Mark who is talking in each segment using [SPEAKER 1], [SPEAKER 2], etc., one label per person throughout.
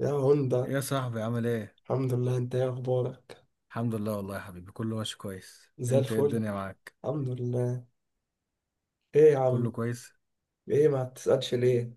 [SPEAKER 1] يا
[SPEAKER 2] ايه
[SPEAKER 1] هوندا.
[SPEAKER 2] يا صاحبي عامل ايه؟
[SPEAKER 1] الحمد لله، انت ايه اخبارك؟
[SPEAKER 2] الحمد لله والله يا حبيبي، كله ماشي كويس،
[SPEAKER 1] زي
[SPEAKER 2] انت ايه
[SPEAKER 1] الفل.
[SPEAKER 2] الدنيا معاك؟
[SPEAKER 1] الحمد لله. ايه يا
[SPEAKER 2] كله
[SPEAKER 1] عم؟
[SPEAKER 2] كويس؟
[SPEAKER 1] ايه، ما تسألش ليه؟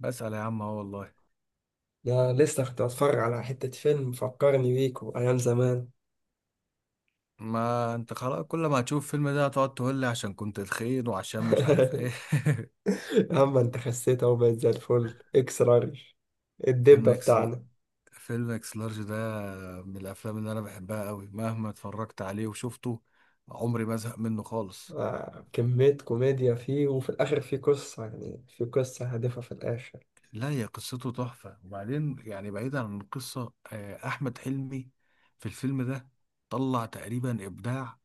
[SPEAKER 2] بسأل يا عم اهو والله.
[SPEAKER 1] ده لسه كنت بتفرج على حتة فيلم فكرني بيكو ايام زمان.
[SPEAKER 2] ما انت خلاص، كل ما هتشوف الفيلم ده هتقعد تقول لي عشان كنت تخين وعشان مش عارف ايه.
[SPEAKER 1] يا عم انت خسيت اهو، بقيت زي الفل اكس لارج،
[SPEAKER 2] فيلم
[SPEAKER 1] الدبة
[SPEAKER 2] اكس
[SPEAKER 1] بتاعنا.
[SPEAKER 2] فيلم اكس لارج ده من الافلام اللي انا بحبها قوي، مهما اتفرجت عليه وشفته عمري ما ازهق منه خالص.
[SPEAKER 1] آه، كمية كوميديا فيه، وفي الآخر فيه قصة، يعني فيه قصة هادفة في الآخر.
[SPEAKER 2] لا، هي قصته تحفة، وبعدين يعني بعيدا عن القصة، أحمد حلمي في الفيلم ده طلع تقريبا إبداع.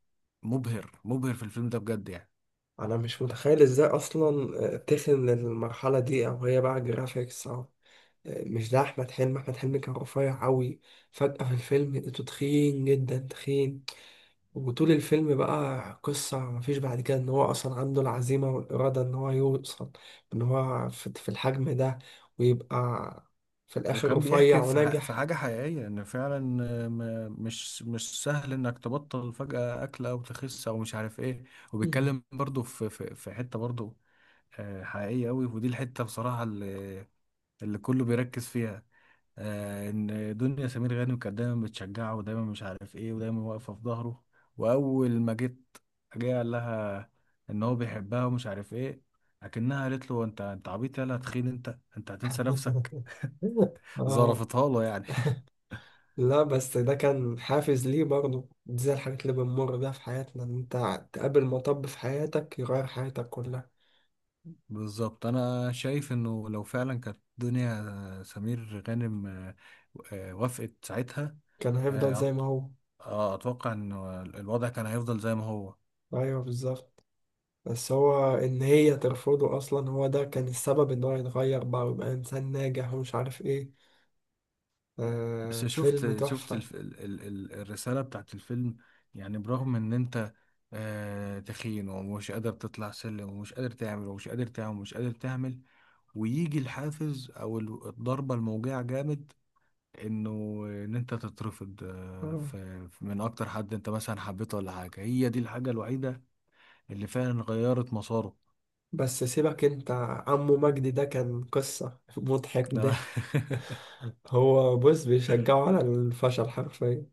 [SPEAKER 2] مبهر مبهر في الفيلم ده بجد يعني.
[SPEAKER 1] أنا مش متخيل إزاي أصلا تخن للمرحلة دي، أو هي بقى جرافيكس أو مش ده. احمد حلمي، احمد حلمي كان رفيع قوي. فجأة في الفيلم لقيته تخين جدا، تخين. وطول الفيلم بقى قصة، مفيش بعد كده ان هو اصلا عنده العزيمة والإرادة ان هو يوصل، ان هو في الحجم ده، ويبقى في الاخر
[SPEAKER 2] وكان
[SPEAKER 1] رفيع
[SPEAKER 2] بيحكي في في
[SPEAKER 1] وناجح.
[SPEAKER 2] حاجة حقيقية، إن فعلا مش سهل إنك تبطل فجأة أكل أو تخس أو مش عارف إيه.
[SPEAKER 1] مم.
[SPEAKER 2] وبيتكلم برضه في حتة برضه حقيقية أوي، ودي الحتة بصراحة اللي كله بيركز فيها. ان دنيا سمير غانم كانت دايما بتشجعه، ودايما مش عارف ايه، ودايما واقفه في ظهره. واول ما جه قال لها ان هو بيحبها ومش عارف ايه. لكنها قالت له انت عبيط، يلا تخين انت هتنسى نفسك.
[SPEAKER 1] اه.
[SPEAKER 2] ظرفتها له يعني.
[SPEAKER 1] لا، بس ده كان حافز ليه برضه، دي زي الحاجات اللي بنمر بيها في حياتنا، ان انت تقابل مطب في حياتك يغير حياتك كلها.
[SPEAKER 2] بالظبط، انا شايف انه لو فعلا كانت دنيا سمير غانم وافقت ساعتها،
[SPEAKER 1] كان هيفضل
[SPEAKER 2] آه،
[SPEAKER 1] زي ما
[SPEAKER 2] أت-
[SPEAKER 1] هو.
[SPEAKER 2] اتوقع ان الوضع كان هيفضل زي ما هو.
[SPEAKER 1] ايوه بالظبط. بس هو ان هي ترفضه اصلا، هو ده كان السبب ان هو يتغير بقى ويبقى انسان ناجح ومش عارف ايه.
[SPEAKER 2] بس
[SPEAKER 1] آه، فيلم
[SPEAKER 2] شفت
[SPEAKER 1] تحفة.
[SPEAKER 2] الف... ال... ال... ال- الرسالة بتاعت الفيلم، يعني برغم ان انت تخين ومش قادر تطلع سلم، ومش قادر تعمل، ومش قادر تعمل، ومش قادر تعمل، ويجي الحافز او الضربة الموجعة جامد. انه ان انت تترفض
[SPEAKER 1] آه.
[SPEAKER 2] من اكتر حد انت مثلا حبيته ولا حاجة، هي دي الحاجة الوحيدة اللي فعلا غيرت مساره.
[SPEAKER 1] بس سيبك انت، عمو مجدي ده كان قصة. مضحك
[SPEAKER 2] ده.
[SPEAKER 1] ضحك. هو بص بيشجعه على الفشل حرفيا.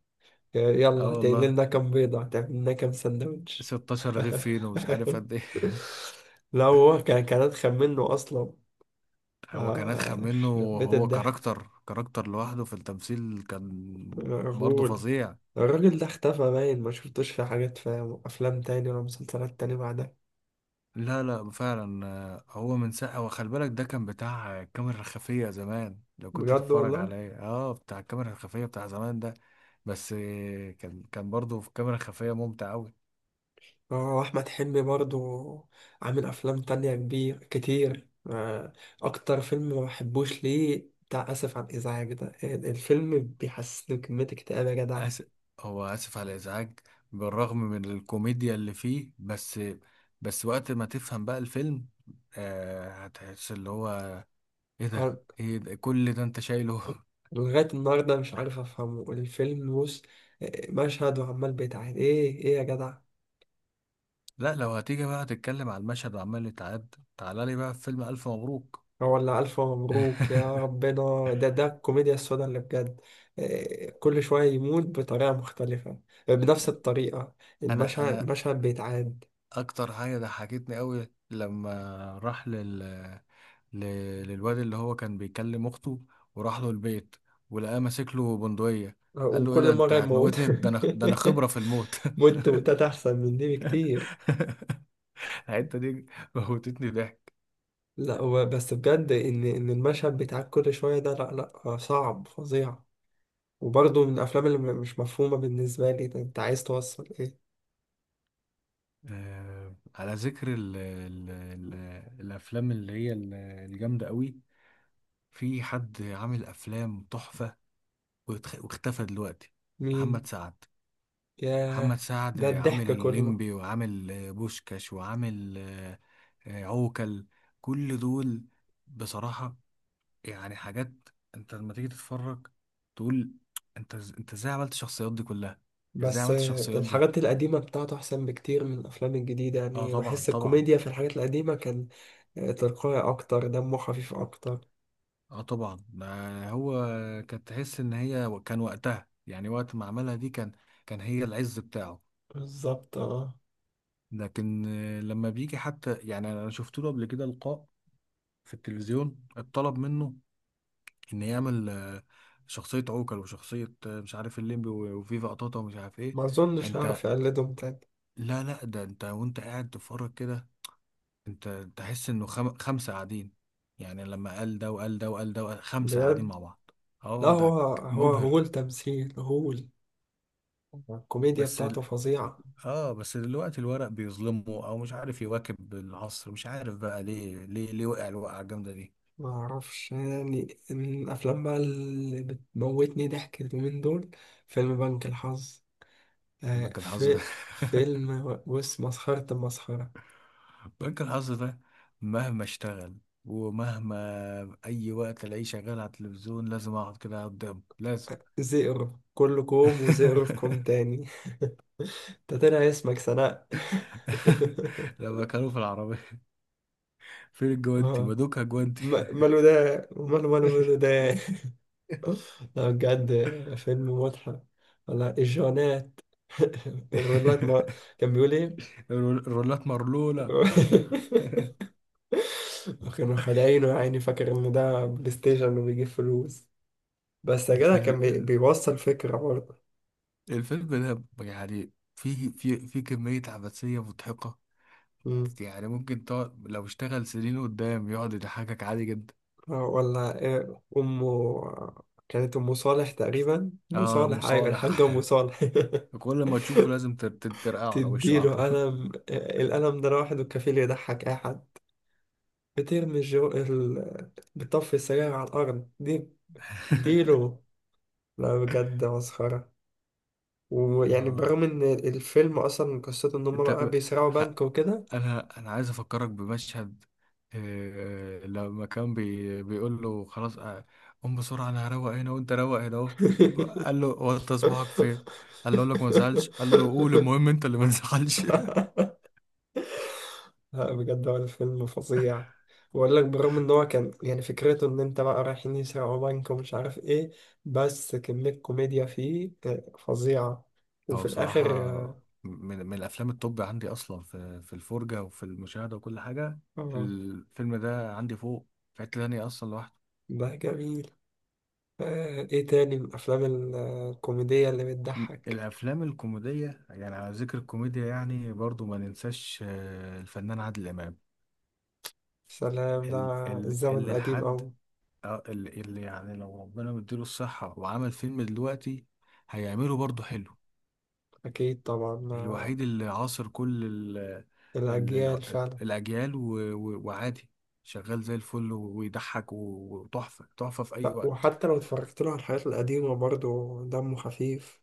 [SPEAKER 2] اه
[SPEAKER 1] يلا، هتقللنا
[SPEAKER 2] والله،
[SPEAKER 1] لنا كام بيضة؟ هتعمل لنا كام سندوتش؟
[SPEAKER 2] 16 رغيف فين ومش عارف قد ايه.
[SPEAKER 1] لو هو كان اتخن منه اصلا.
[SPEAKER 2] هو كان
[SPEAKER 1] آه،
[SPEAKER 2] أدخل منه.
[SPEAKER 1] يخرب بيت
[SPEAKER 2] هو
[SPEAKER 1] الضحك.
[SPEAKER 2] كاركتر، كاركتر لوحده في التمثيل، كان برضه
[SPEAKER 1] الراجل،
[SPEAKER 2] فظيع.
[SPEAKER 1] الراجل ده اختفى، باين ما شفتوش في حاجات، في افلام تاني ولا مسلسلات تاني بعدها.
[SPEAKER 2] لا لا، فعلا هو من ساعة، وخلي بالك ده كان بتاع الكاميرا الخفية زمان، لو كنت
[SPEAKER 1] بجد
[SPEAKER 2] تتفرج
[SPEAKER 1] والله.
[SPEAKER 2] عليه اه بتاع الكاميرا الخفية بتاع زمان ده. بس كان برضه في كاميرا خفية ممتع أوي.
[SPEAKER 1] اه، احمد حلمي برضو عامل افلام تانية كبير كتير. آه، اكتر فيلم ما بحبوش ليه بتاع اسف على الازعاج ده، الفيلم بيحسسني بكمية اكتئاب يا جدع.
[SPEAKER 2] أس... هو آسف على الإزعاج، بالرغم من الكوميديا اللي فيه، بس وقت ما تفهم بقى الفيلم هتحس اللي هو ايه ده،
[SPEAKER 1] أنا
[SPEAKER 2] ايه ده، كل ده انت شايله.
[SPEAKER 1] لغاية النهاردة مش عارف افهمه الفيلم، بص مشهد وعمال بيتعاد، ايه ايه يا جدع؟
[SPEAKER 2] لا، لو هتيجي بقى تتكلم على المشهد وعمال يتعاد، تعالى لي بقى في فيلم ألف مبروك.
[SPEAKER 1] ولا ألف مبروك يا ربنا، ده، ده الكوميديا السوداء اللي بجد. إيه، كل شوية يموت بطريقة مختلفة، آه، بنفس الطريقة،
[SPEAKER 2] انا
[SPEAKER 1] المشهد،
[SPEAKER 2] انا
[SPEAKER 1] المشهد بيتعاد.
[SPEAKER 2] اكتر حاجه ضحكتني قوي لما راح ل... للواد اللي هو كان بيكلم اخته، وراح له البيت ولقاه ماسك له بندقيه،
[SPEAKER 1] آه،
[SPEAKER 2] قال له ايه
[SPEAKER 1] وكل
[SPEAKER 2] ده انت
[SPEAKER 1] مرة يموت.
[SPEAKER 2] هتموتني، ده انا، ده انا خبره في الموت.
[SPEAKER 1] موت موتات أحسن من دي بكتير.
[SPEAKER 2] الحته دي موتتني ضحك.
[SPEAKER 1] لا، هو بس بجد إن المشهد بيتعاد كل شوية ده، لا لا، آه، صعب فظيع. وبرضه من الأفلام اللي مش مفهومة بالنسبة لي، ده أنت عايز توصل إيه؟
[SPEAKER 2] على ذكر الافلام اللي هي الجامده قوي، في حد عامل افلام تحفه واختفى دلوقتي.
[SPEAKER 1] مين؟
[SPEAKER 2] محمد سعد. محمد
[SPEAKER 1] ياه.
[SPEAKER 2] سعد
[SPEAKER 1] ده
[SPEAKER 2] عامل
[SPEAKER 1] الضحك كله.
[SPEAKER 2] الليمبي، وعامل بوشكاش، وعامل عوكل. كل دول بصراحة، يعني حاجات انت لما تيجي تتفرج تقول انت ازاي عملت الشخصيات دي كلها؟ ازاي
[SPEAKER 1] بس
[SPEAKER 2] عملت
[SPEAKER 1] آه،
[SPEAKER 2] الشخصيات دي؟
[SPEAKER 1] الحاجات القديمة بتاعته أحسن بكتير من الأفلام الجديدة،
[SPEAKER 2] اه
[SPEAKER 1] يعني
[SPEAKER 2] طبعا
[SPEAKER 1] بحس
[SPEAKER 2] طبعا.
[SPEAKER 1] الكوميديا في الحاجات القديمة كان آه، تلقائي أكتر، دمه خفيف أكتر.
[SPEAKER 2] اه طبعا، ما هو كانت تحس ان هي كان وقتها، يعني وقت ما عملها دي، كان هي العز بتاعه.
[SPEAKER 1] بالظبط اه.
[SPEAKER 2] لكن لما بيجي حتى، يعني انا شفت له قبل كده لقاء في التلفزيون اتطلب منه ان يعمل شخصية عوكل وشخصية مش عارف الليمبي وفيفا قطاطا ومش عارف ايه.
[SPEAKER 1] ما أظنش
[SPEAKER 2] انت،
[SPEAKER 1] هعرف أقلدهم تاني.
[SPEAKER 2] لا لا، ده انت وانت قاعد تتفرج كده انت تحس انه خمسة قاعدين، يعني لما قال ده وقال ده وقال ده وقال خمسة قاعدين
[SPEAKER 1] بجد.
[SPEAKER 2] مع بعض.
[SPEAKER 1] لا،
[SPEAKER 2] اه
[SPEAKER 1] هو
[SPEAKER 2] ده
[SPEAKER 1] هو
[SPEAKER 2] مبهر.
[SPEAKER 1] هول تمثيل، هول. الكوميديا
[SPEAKER 2] بس
[SPEAKER 1] بتاعته
[SPEAKER 2] ال...
[SPEAKER 1] فظيعة.
[SPEAKER 2] اه بس دلوقتي الورق بيظلمه او مش عارف يواكب العصر، مش عارف بقى ليه ليه ليه وقع الوقعة الجامدة دي.
[SPEAKER 1] ما أعرفش، يعني من الأفلام بقى اللي بتموتني ضحك اليومين دول فيلم بنك الحظ. آه،
[SPEAKER 2] بجد. الحظ ده
[SPEAKER 1] في فيلم، وش مسخرة المسخرة.
[SPEAKER 2] بنك الحظ ده، مهما اشتغل ومهما اي وقت الاقيه شغال على التلفزيون لازم اقعد كده قدامه، لازم.
[SPEAKER 1] زئر كلكم وزئرفكم تاني. ده طلع اسمك سناء.
[SPEAKER 2] لما كانوا في العربية، فين الجوانتي
[SPEAKER 1] اه.
[SPEAKER 2] مدوكها جوانتي.
[SPEAKER 1] ماله ده؟ ماله ماله ماله ده. لا بجد، فيلم مضحك. ولا الجونات. الرولات، ما كان بيقول ايه.
[SPEAKER 2] الرولات مرلولة.
[SPEAKER 1] كانوا خدعينه يعني، فاكر ان ده بلاي ستيشن وبيجيب فلوس. بس يا جدع
[SPEAKER 2] الفيلم
[SPEAKER 1] كان
[SPEAKER 2] ال-
[SPEAKER 1] بيوصل فكرة برضه.
[SPEAKER 2] الفيلم ده يعني فيه كمية عبثية مضحكة، يعني ممكن تقعد لو اشتغل سنين قدام يقعد يضحكك عادي جدا.
[SPEAKER 1] آه، ولا إيه أمه؟ كانت أم صالح تقريبا، أم
[SPEAKER 2] اه
[SPEAKER 1] صالح، أيوة، الحاجة
[SPEAKER 2] مصالح.
[SPEAKER 1] أم صالح.
[SPEAKER 2] كل ما تشوفه لازم ترقع على وشه على
[SPEAKER 1] تديله
[SPEAKER 2] طول.
[SPEAKER 1] قلم، آه، القلم ده لوحده كفيل يضحك أي حد. بترمي الجو بتطفي السجاير على الأرض دي، اديله. لا بجد، مسخرة. ويعني
[SPEAKER 2] اه،
[SPEAKER 1] برغم إن الفيلم أصلا قصته إن هما
[SPEAKER 2] انت
[SPEAKER 1] بقى بيسرقوا
[SPEAKER 2] خ...
[SPEAKER 1] بنك وكده.
[SPEAKER 2] انا عايز افكرك بمشهد، لما كان بيقول له خلاص، قوم بسرعه، انا هروق هنا وانت روق هنا اهو. قال له هو انت صباعك فين؟ قال له اقول لك ما تزعلش، قال له قول المهم انت اللي ما تزعلش.
[SPEAKER 1] لا بجد، هو الفيلم فظيع. بقول لك، بالرغم ان هو كان يعني فكرته ان انت بقى رايحين يسرقوا بنك ومش عارف ايه، بس كمية كوميديا فيه آه، فظيعة. وفي
[SPEAKER 2] هو
[SPEAKER 1] الاخر،
[SPEAKER 2] بصراحه
[SPEAKER 1] اه،
[SPEAKER 2] من الافلام التوب عندي اصلا، في الفرجه وفي المشاهده وكل حاجه.
[SPEAKER 1] آه،
[SPEAKER 2] الفيلم ده عندي فوق، في حته تانية اصلا لوحده.
[SPEAKER 1] ده جميل. آه، ايه تاني من الافلام الكوميدية اللي بتضحك؟
[SPEAKER 2] الافلام الكوميديه، يعني على ذكر الكوميديا، يعني برضو ما ننساش الفنان عادل امام،
[SPEAKER 1] سلام، ده الزمن
[SPEAKER 2] اللي
[SPEAKER 1] القديم
[SPEAKER 2] لحد
[SPEAKER 1] اوي.
[SPEAKER 2] اللي يعني لو ربنا مديله الصحه وعمل فيلم دلوقتي هيعمله برضو حلو.
[SPEAKER 1] اكيد طبعا، آه،
[SPEAKER 2] الوحيد اللي عاصر كل ال ال ال
[SPEAKER 1] الاجيال فعلا.
[SPEAKER 2] الاجيال وعادي، شغال زي الفل ويضحك وتحفه تحفه في اي
[SPEAKER 1] لا،
[SPEAKER 2] وقت.
[SPEAKER 1] وحتى لو اتفرجت له على الحاجات القديمة برضه دمه خفيف.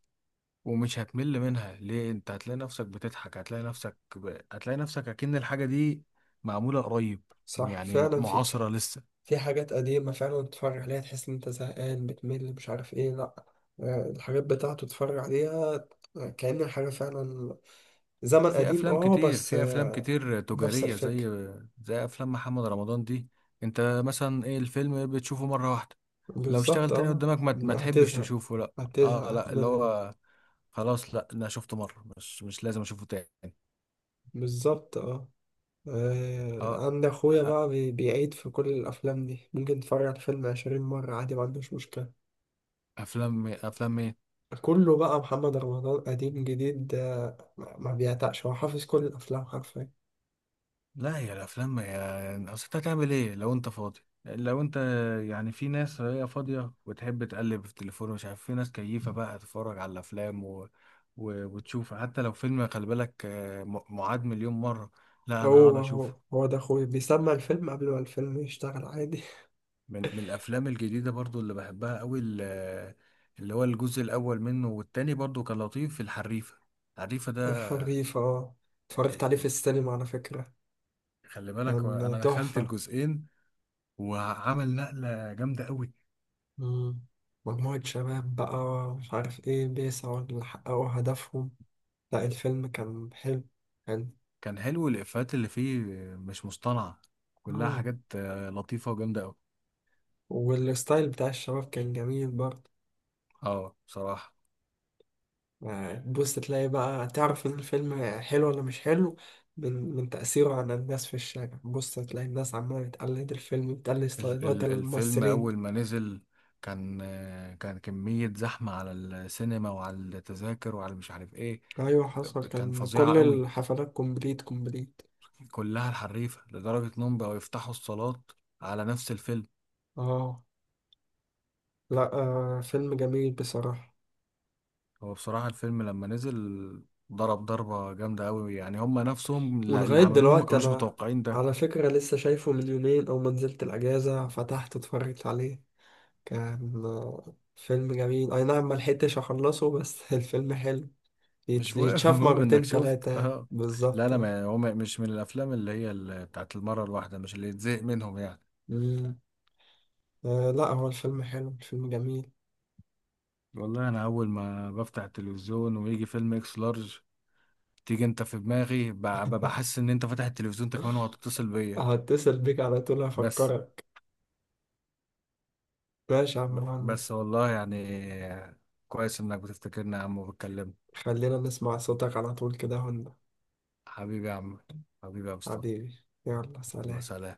[SPEAKER 2] ومش هتمل منها، ليه؟ انت هتلاقي نفسك بتضحك، هتلاقي نفسك هتلاقي نفسك اكن الحاجة دي معمولة قريب،
[SPEAKER 1] صح
[SPEAKER 2] يعني
[SPEAKER 1] فعلا، في،
[SPEAKER 2] معاصرة لسه.
[SPEAKER 1] في حاجات قديمة فعلا تتفرج عليها تحس إن أنت زهقان، بتمل مش عارف إيه. لأ، آه، الحاجات بتاعته تتفرج عليها كأن الحاجة فعلا زمن قديم. أه، بس
[SPEAKER 2] في افلام
[SPEAKER 1] آه،
[SPEAKER 2] كتير
[SPEAKER 1] نفس
[SPEAKER 2] تجارية،
[SPEAKER 1] الفكرة.
[SPEAKER 2] زي افلام محمد رمضان دي انت مثلا، ايه، الفيلم بتشوفه مرة واحدة، لو اشتغل
[SPEAKER 1] بالظبط
[SPEAKER 2] تاني
[SPEAKER 1] أه.
[SPEAKER 2] قدامك ما تحبش
[SPEAKER 1] هتزهق.
[SPEAKER 2] تشوفه، لا. اه،
[SPEAKER 1] هتزهق،
[SPEAKER 2] لا، اللي
[SPEAKER 1] هتمل.
[SPEAKER 2] هو خلاص، لا انا شفته مرة، مش لازم اشوفه تاني.
[SPEAKER 1] بالظبط أه. آه،
[SPEAKER 2] اه
[SPEAKER 1] عند أخويا بقى بيعيد في كل الأفلام دي، ممكن تتفرج على الفيلم 20 مرة عادي، ما عندوش مشكلة.
[SPEAKER 2] افلام مين؟
[SPEAKER 1] كله بقى محمد رمضان، قديم جديد، آه، ما بيعتقش، هو حافظ كل الأفلام حرفيا.
[SPEAKER 2] لا، هي الافلام ما هي، يعني اصل انت هتعمل ايه لو انت فاضي، لو انت يعني، في ناس هي فاضيه وتحب تقلب في التليفون، مش عارف، في ناس كيفه بقى تتفرج على الافلام وتشوف حتى لو فيلم، خلي بالك معاد مليون مره، لا انا هقعد
[SPEAKER 1] هو هو
[SPEAKER 2] اشوفه.
[SPEAKER 1] هو ده اخويا، بيسمع الفيلم قبل ما الفيلم يشتغل عادي.
[SPEAKER 2] من الافلام الجديده برضو اللي بحبها قوي، اللي هو الجزء الاول منه والتاني برضو كان لطيف، في الحريفه. الحريفه ده،
[SPEAKER 1] الحريف، اه.
[SPEAKER 2] آه،
[SPEAKER 1] اتفرجت عليه
[SPEAKER 2] آه،
[SPEAKER 1] في السينما على فكرة،
[SPEAKER 2] خلي بالك
[SPEAKER 1] كان
[SPEAKER 2] انا دخلت
[SPEAKER 1] تحفة.
[SPEAKER 2] الجزئين، وعمل نقله جامده قوي.
[SPEAKER 1] مم. مجموعة شباب بقى، مش عارف ايه، بيسعوا لحققوا هدفهم. لا، الفيلم كان حلو، كان
[SPEAKER 2] كان حلو، الإفيهات اللي فيه مش مصطنعة، كلها
[SPEAKER 1] اه.
[SPEAKER 2] حاجات لطيفة وجامدة أوي.
[SPEAKER 1] والستايل بتاع الشباب كان جميل برضه.
[SPEAKER 2] اه بصراحة،
[SPEAKER 1] يعني تبص تلاقي بقى، تعرف ان الفيلم حلو ولا مش حلو من تأثيره على الناس في الشارع. بص تلاقي الناس عمالة تقلد الفيلم، تقلد
[SPEAKER 2] ال
[SPEAKER 1] ستايلات
[SPEAKER 2] ال الفيلم أول
[SPEAKER 1] الممثلين.
[SPEAKER 2] ما نزل كان كمية زحمة على السينما وعلى التذاكر وعلى مش عارف ايه.
[SPEAKER 1] ايوه حصل،
[SPEAKER 2] كان
[SPEAKER 1] كان
[SPEAKER 2] فظيعة
[SPEAKER 1] كل
[SPEAKER 2] أوي
[SPEAKER 1] الحفلات كومبليت كومبليت.
[SPEAKER 2] كلها الحريفة، لدرجة إنهم بقوا يفتحوا الصالات على نفس الفيلم.
[SPEAKER 1] اه، لا، آه فيلم جميل بصراحة.
[SPEAKER 2] هو بصراحة الفيلم لما نزل ضرب ضربة جامدة أوي، يعني هم نفسهم اللي
[SPEAKER 1] ولغاية
[SPEAKER 2] عملوه ما
[SPEAKER 1] دلوقتي
[SPEAKER 2] كانوش
[SPEAKER 1] انا،
[SPEAKER 2] متوقعين ده.
[SPEAKER 1] على فكرة، لسه شايفه من يومين، او ما نزلت الاجازة فتحت اتفرجت عليه. كان آه فيلم جميل، اي نعم ما لحقتش اخلصه بس. الفيلم حلو.
[SPEAKER 2] مش مهم.
[SPEAKER 1] يتشاف
[SPEAKER 2] المهم انك
[SPEAKER 1] مرتين
[SPEAKER 2] شفت،
[SPEAKER 1] تلاتة
[SPEAKER 2] اه. لا
[SPEAKER 1] بالظبط.
[SPEAKER 2] انا ما،
[SPEAKER 1] آه.
[SPEAKER 2] يعني هو مش من الافلام اللي هي بتاعت المره الواحده، مش اللي يتزهق منهم يعني.
[SPEAKER 1] مم. آه، لا، هو الفيلم حلو، الفيلم جميل.
[SPEAKER 2] والله انا اول ما بفتح التلفزيون ويجي فيلم اكس لارج تيجي انت في دماغي، بحس ان انت فاتح التلفزيون انت كمان وهتتصل بيا.
[SPEAKER 1] هتصل بيك على طول،
[SPEAKER 2] بس
[SPEAKER 1] هفكرك. ماشي يا عم مهند.
[SPEAKER 2] بس والله يعني كويس انك بتفتكرنا يا عم وبتكلمنا.
[SPEAKER 1] خلينا نسمع صوتك على طول كده.
[SPEAKER 2] حبيبي يا عم، حبيبي يا مصطفى.
[SPEAKER 1] حبيبي، يلا
[SPEAKER 2] الله
[SPEAKER 1] سلام.
[SPEAKER 2] سلام.